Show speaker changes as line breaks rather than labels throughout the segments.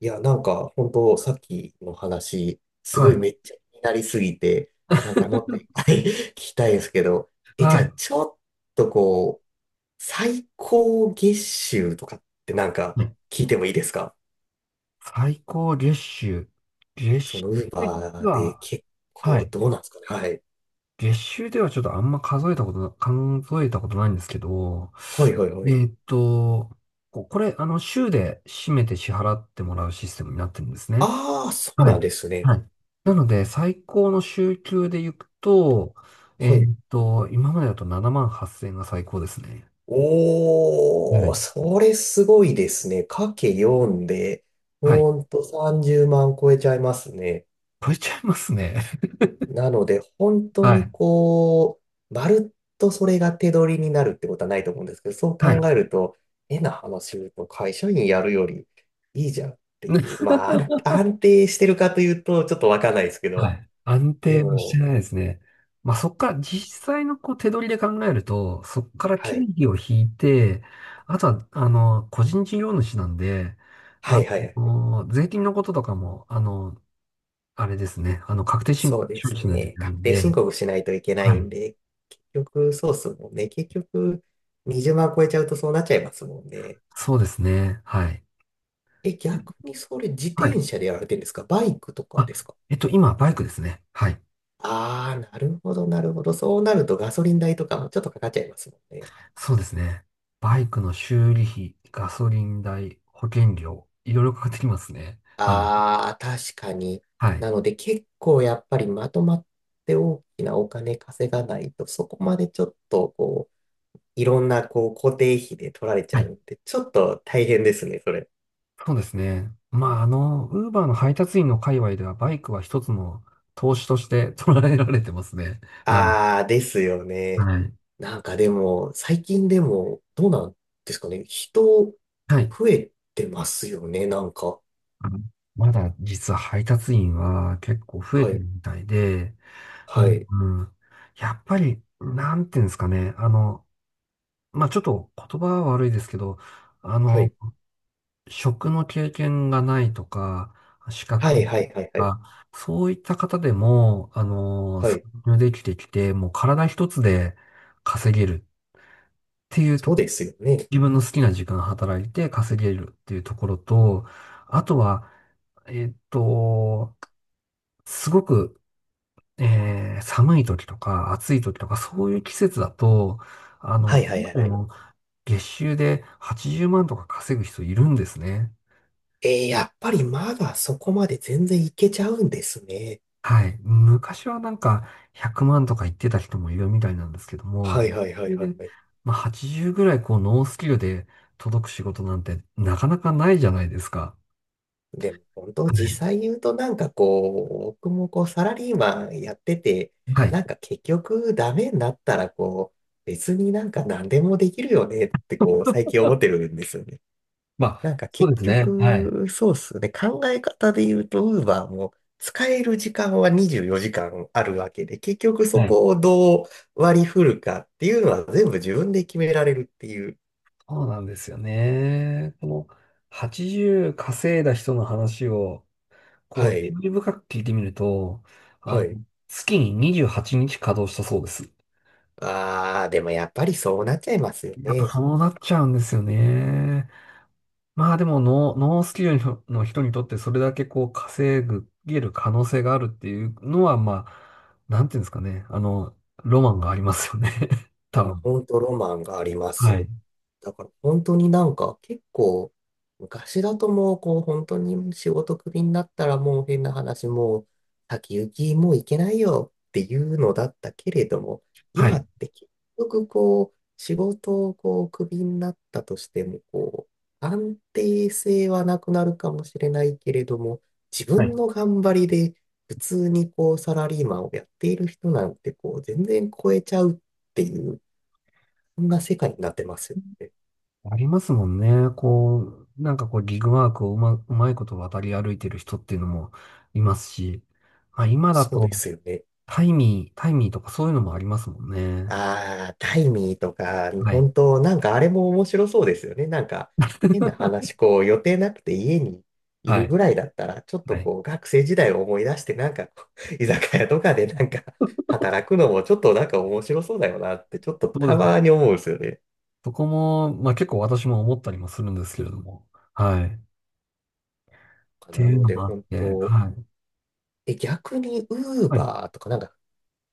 いや、なんか、本当さっきの話、す
は
ごい
い。
めっちゃ気になりすぎて、なんかもっといっぱい 聞きたいですけど、じゃ
は
あ、
い。
ちょっとこう、最高月収とかってなんか、
ね、
聞いてもいいですか？
最高月収。月
そ
収
の、ウー
で実
バーで
は、
結
は
構、
い。
どうなんですかね。はい。
月収ではちょっとあんま数えたことないんですけど、
はいはいは
え
い。
ーっと、これ、週で締めて支払ってもらうシステムになってるんですね。
ああ、そう
は
な
い。
んですね。
はい。なので、最高の週給で行くと、
はい。
今までだと7万8千円が最高ですね。は
おー、
い。
それすごいですね。かけ4で、
はい。
ほんと30万超えちゃいますね。
超えちゃいますね。
なので、本 当
は
に
い。
こう、まるっとそれが手取りになるってことはないと思うんですけど、そう
は
考
い。
えると、変な話を言うと会社員やるよりいいじゃんっていう、まあ、安定してるかというと、ちょっとわかんないですけ
は
ど、
い。安
で
定はして
も、
ないですね。まあ、そっから、実際のこう手取りで考えると、そっから
は
経
い。
費を引いて、あとは、個人事業主なんで、
は
あ
いはいはい。
税金のこととかも、あれですね、確定申
そ
告
うで
処理
す
しないとい
ね。
けない
確
ん
定
で、
申告しないといけな
は
いん
い。
で、結局、そうっすもんね。結局、20万超えちゃうとそうなっちゃいますもんね。
そうですね、はい。
え、
え
逆にそれ自
は
転
い。
車でやられてるんですか？バイクとか
あ、
ですか？
今、バイクですね。はい。
ああ、なるほど、なるほど。そうなるとガソリン代とかもちょっとかかっちゃいますもんね。
そうですね。バイクの修理費、ガソリン代、保険料、いろいろかかってきますね。はい。
ああ、確かに。
はい。
なので結構やっぱりまとまって大きなお金稼がないと、そこまでちょっとこう、いろんなこう固定費で取られち
は
ゃう
い。
んで、ちょっと大変ですね、それ。
そうですね。まあ、ウーバーの配達員の界隈ではバイクは一つの投資として捉えられてますね。はい。
ああ、ですよね。
はい。
なんかでも、最近でも、どうなんですかね。人、
はい。
増えてますよね、なんか。
あのまだ実は配達員は結構増え
は
て
い、
るみたいで、う
は
ん、
い、
うん。やっぱり、なんていうんですかね。まあ、ちょっと言葉は悪いですけど、あ
は
の、
い。
職の経験がないとか、資
は
格が
い、は
ないと
い、はい、はい。
か、そういった方でも、
は
参
い、
入できてきて、もう体一つで稼げるっていうと
そう
こ、
ですよね。
自分の好きな時間働いて稼げるっていうところと、あとは、えっと、すごく、寒い時とか暑い時とかそういう季節だと、
はいはい
今
はい
で
はい。
も月収で80万とか稼ぐ人いるんですね。
えー、やっぱりまだそこまで全然いけちゃうんですね。
はい。昔はなんか100万とか言ってた人もいるみたいなんですけども、そ
はいはいはい
れ
は
で、
いはい。
まあ、80ぐらいこうノースキルで届く仕事なんてなかなかないじゃないですか。
でも本当
はい。
実際言うとなんかこう、僕もこうサラリーマンやってて、
はい。
なんか結局ダメになったらこう、別になんか何でもできるよねってこう最近思ってるんですよね。
ま
な
あ、
んか
そう
結
ですね。はい。
局、そうっすね。考え方で言うと、ウーバーも使える時間は24時間あるわけで、結局そ
はい。
こをどう割り振るかっていうのは全部自分で決められるっていう。
そうなんですよね。この80稼いだ人の話を、こ
は
う、注
い。
意深く聞いてみると、あ
は
の、
い。
月に28日稼働したそうです。
あー、でもやっぱりそうなっちゃいますよ
やっぱ
ね。
そうなっちゃうんですよね。まあでもノースキルの人にとってそれだけこうげる可能性があるっていうのは、まあ、なんていうんですかね。ロマンがありますよね。
い
多
や、
分。
本当ロマンがありま
はい。
す。だから本当になんか結構昔だと、もうこう本当に仕事クビになったらもう、変な話、もう先行きもういけないよっていうのだったけれども、
は
今
い。
って結局こう仕事をこうクビになったとしても、こう安定性はなくなるかもしれないけれども、自
は
分
い。
の頑張りで普通にこうサラリーマンをやっている人なんてこう全然超えちゃうっていう、こんな世界になってますよね。
ありますもんね。こう、なんかこうギグワークをうまいこと渡り歩いてる人っていうのもいますし、まあ今だ
そうで
と
すよね。
タイミーとかそういうのもありますもんね。
ああ、タイミーとか、
はい。
本当なんかあれも面白そうですよね。なんか、変な話、こう、予定なくて家にい
は
る
い。
ぐらいだったら、ちょっと
はい。
こう、学生時代を思い出して、なんかこう、居酒屋とかでなんか、働くのもちょっとなんか面白そうだよなって、ちょっと
そ
た
うです。
まに思うんですよね。
そこも、まあ結構私も思ったりもするんですけれども。はい。って
な
いう
の
の
で、
もあっ
本
て、
当、
はい。
逆に、ウー
はい。
バーとか、なんか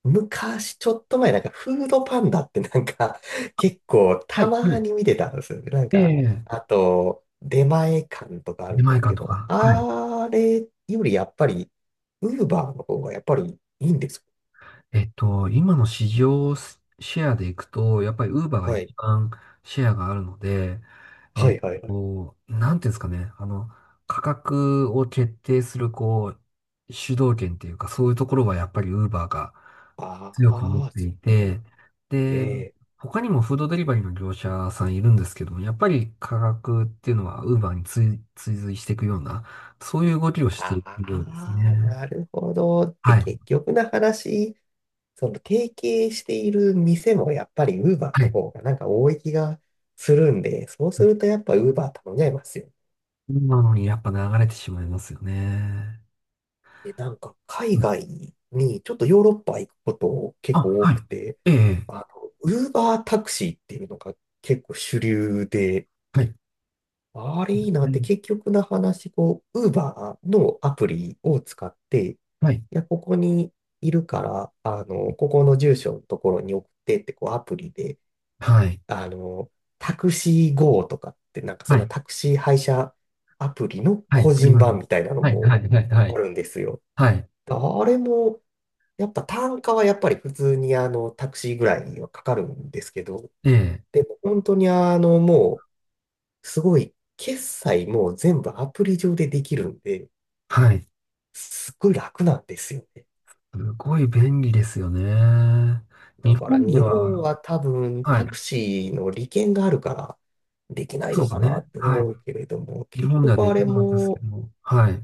昔、ちょっと前、なんか、フードパンダってなんか、結構、
は
た
い。は
ま
い。
に見てたんですよね。なん
え
か、
え、
あと、出前館とかある
出
んで
前
すけ
館と
ど、
か。はい。
あれよりやっぱり、ウーバーの方がやっぱりいいんですか？
今の市場シェアでいくと、やっぱりウーバーが
はい。
一番シェアがあるので、え
は
っ
いはいはい。
なんていうんですかね、価格を決定する、こう、主導権っていうか、そういうところはやっぱりウーバーが
あ
強く持っ
あ、
て
そ
い
うなん
て、で、
で。
他にもフードデリバリーの業者さんいるんですけども、やっぱり価格っていうのはウーバーに追随していくような、そういう動きをしているようです
ああ、
ね。
なるほど。って
はい。
結局の話、その提携している店もやっぱり Uber
は
の
い。
方がなんか多い気がするんで、そうするとやっぱ Uber 頼んじゃいますよ。
なのにやっぱ流れてしまいますよね。
で、なんか海
うん。
外にちょっとヨーロッパ行くこと結
あ、
構多
はい。
くて、
ええ、
あの、Uber タクシーっていうのが結構主流で、
はい。
あれいいな
う
って
ん、
結局の話、こう、Uber のアプリを使って、
はい。
いや、ここにいるから、あの、ここの住所のところに送ってって、こう、アプリで、
はい。
あの、タクシー GO とかって、なんかそ
は
んな
い。
タクシー配車アプリの
はい。
個
あり
人
ますね。
版みたいなの
はい。
も
はい。はい。は
あ
い。
るんですよ。
はい。
あれも、やっぱ単価はやっぱり普通にあの、タクシーぐらいはかかるんですけど、
ええ、
でも本当にあの、もう、すごい、決済も全部アプリ上でできるんで、
はい。
すっごい楽なんですよね。
すごい便利ですよね。日
だから
本で
日本
は、
は多分
は
タ
い。
クシーの利権があるからできない
そう
の
です
かな
ね。
って
はい。
思うけれども、
日
結
本では
局
で
あ
き
れ
なかったですけ
も
ど、はい。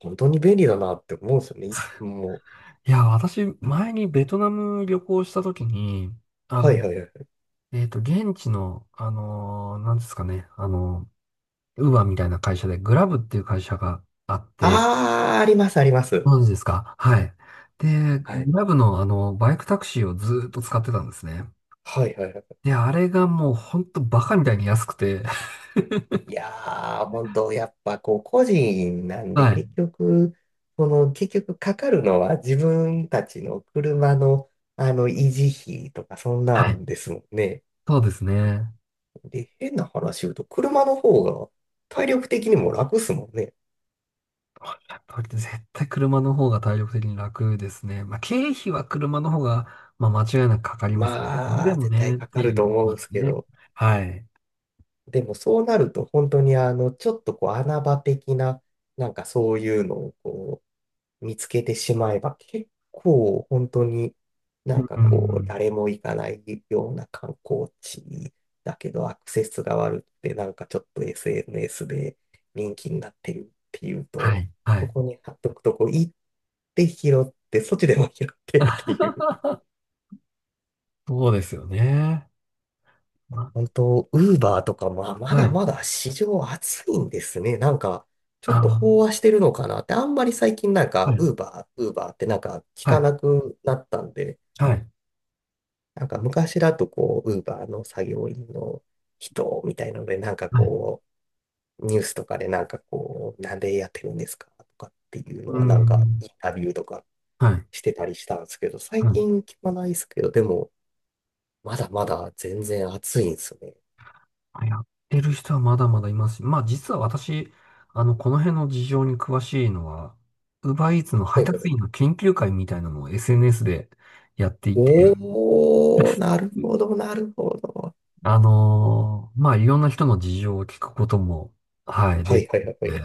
本当に便利だなって思うんですよね。もう、
いや、私、前にベトナム旅行したときに、あ
はい
の、
はいはい。
現地の、なんですかね、ウーバーみたいな会社で、グラブっていう会社があって、
あー、ありますあります。
ご存知ですか？はい。で、
はい。
グラブのバイクタクシーをずーっと使ってたんですね。
はいはいはい。
で、あれがもうほんとバカみたいに安くて、
いやー、本当やっぱこう、個人なんで、
はい。
結局、この、結局かかるのは自分たちの車の、あの、維持費とか、そんな
はい。
んですもんね。
そうですね。
で、変な話言うと、車の方が体力的にも楽っすもんね。
おっしゃる通りで絶対車の方が体力的に楽ですね。まあ、経費は車の方が、まあ、間違いなくかかりますね。それ
ま
で
あ、
も
絶
ね、
対
っ
か
て
か
い
ると
う
思
こ
うん
と
で
で
す
す
け
ね。
ど、
はい。
でもそうなると、本当にあの、ちょっとこう、穴場的な、なんかそういうのを、見つけてしまえば、結構本当になんか
う
こう
ん。
誰も行かないような観光地だけど、アクセスが悪くてなんかちょっと SNS で人気になってるっていう
は
と、
い。は
そ
い。
こに貼っとくとこう行って拾って、そっちでも拾ってっていう。
そうですよね。ま
本当、ウーバーとかもあ、ま
あ、は
だ
い。
まだ市場熱いんですね、なんか。ちょ
あ
っと飽和してるのかなって、あんまり最近なん
あ、は
か、
い、
ウーバー、ウーバーってなんか聞
は
か
い、
なくなったんで、
はい、
なんか昔だとこう、ウーバーの作業員の人みたいなので、なんか
はい、
こう、ニュースとかでなんかこう、なんでやってるんですかとかっていうの
う
はなんか
ん、
インタビューとか
はい、
してたりしたんですけど、最
は
近聞かないですけど、でも、まだまだ全然暑いんですよね。
い。やってる人はまだまだいますし、まあ実は私、この辺の事情に詳しいのは、ウーバーイーツの配
はいはいは
達員
い。
の研究会みたいなのを SNS でやっていて、
おー、なるほど、なるほど。
まあいろんな人の事情を聞くことも、はい、
は
で、
いはいはいはい。
で、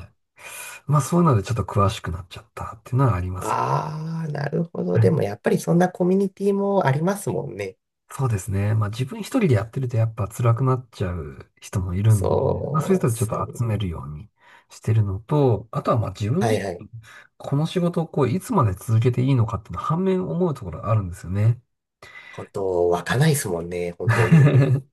まあそういうのでちょっと詳しくなっちゃったっていうのはあります。
あー、なるほど。でもやっぱりそんなコミュニティもありますもんね。
そうですね。まあ自分一人でやってるとやっぱ辛くなっちゃう人もいるんで、まあそういう
そう
人
っ
はちょっ
すよ
と
ね。
集めるようにしてるのと、あとはまあ自分
は
自
いはい。
この仕事をこういつまで続けていいのかっていうのは反面思うところがあるんですよね。
本当、湧かないですもんね、本当に。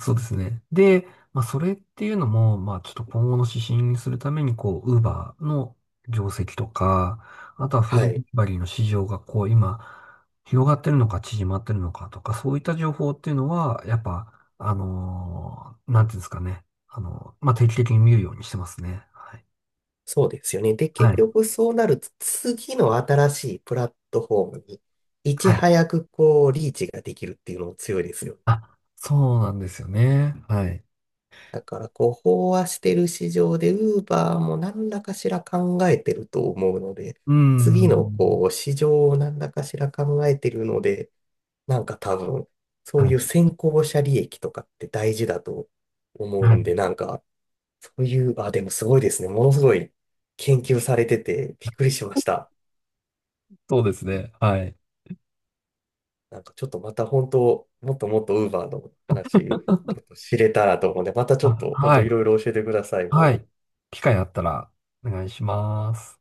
そうですね。で、まあ、それっていうのも、まあ、ちょっと今後の指針にするために、こう、ウーバーの業績とか、あとはフード
は
デ
い。
リバリーの市場が、こう、今、広がってるのか、縮まってるのかとか、そういった情報っていうのは、やっぱ、なんていうんですかね。まあ、定期的に見るようにしてますね。はい。
そうですよね。で、
は
結
い。
局そうなると、次の新しいプラットフォームに、いち
はい。
早くこう、リーチができるっていうのも強いですよ。
あ、そうなんですよね。はい。
だから、こう、飽和してる市場で、ウーバーも何らかしら考えてると思うので、
うー
次の
ん。
こう、市場を何らかしら考えてるので、なんか多分、そ
は
ういう
い。
先行者利益とかって大事だと思
は
うん
い。
で、なんか、そういう、あ、でもすごいですね。ものすごい研究されててびっくりしました。
そうですね。はい。
なんかちょっとまた本当、もっともっと Uber の話、ちょっと知れたらと思うんで、またちょっ
あ、
と本
は
当い
い。
ろいろ教えてください。
は
も
い。
う。
機会あったらお願いします。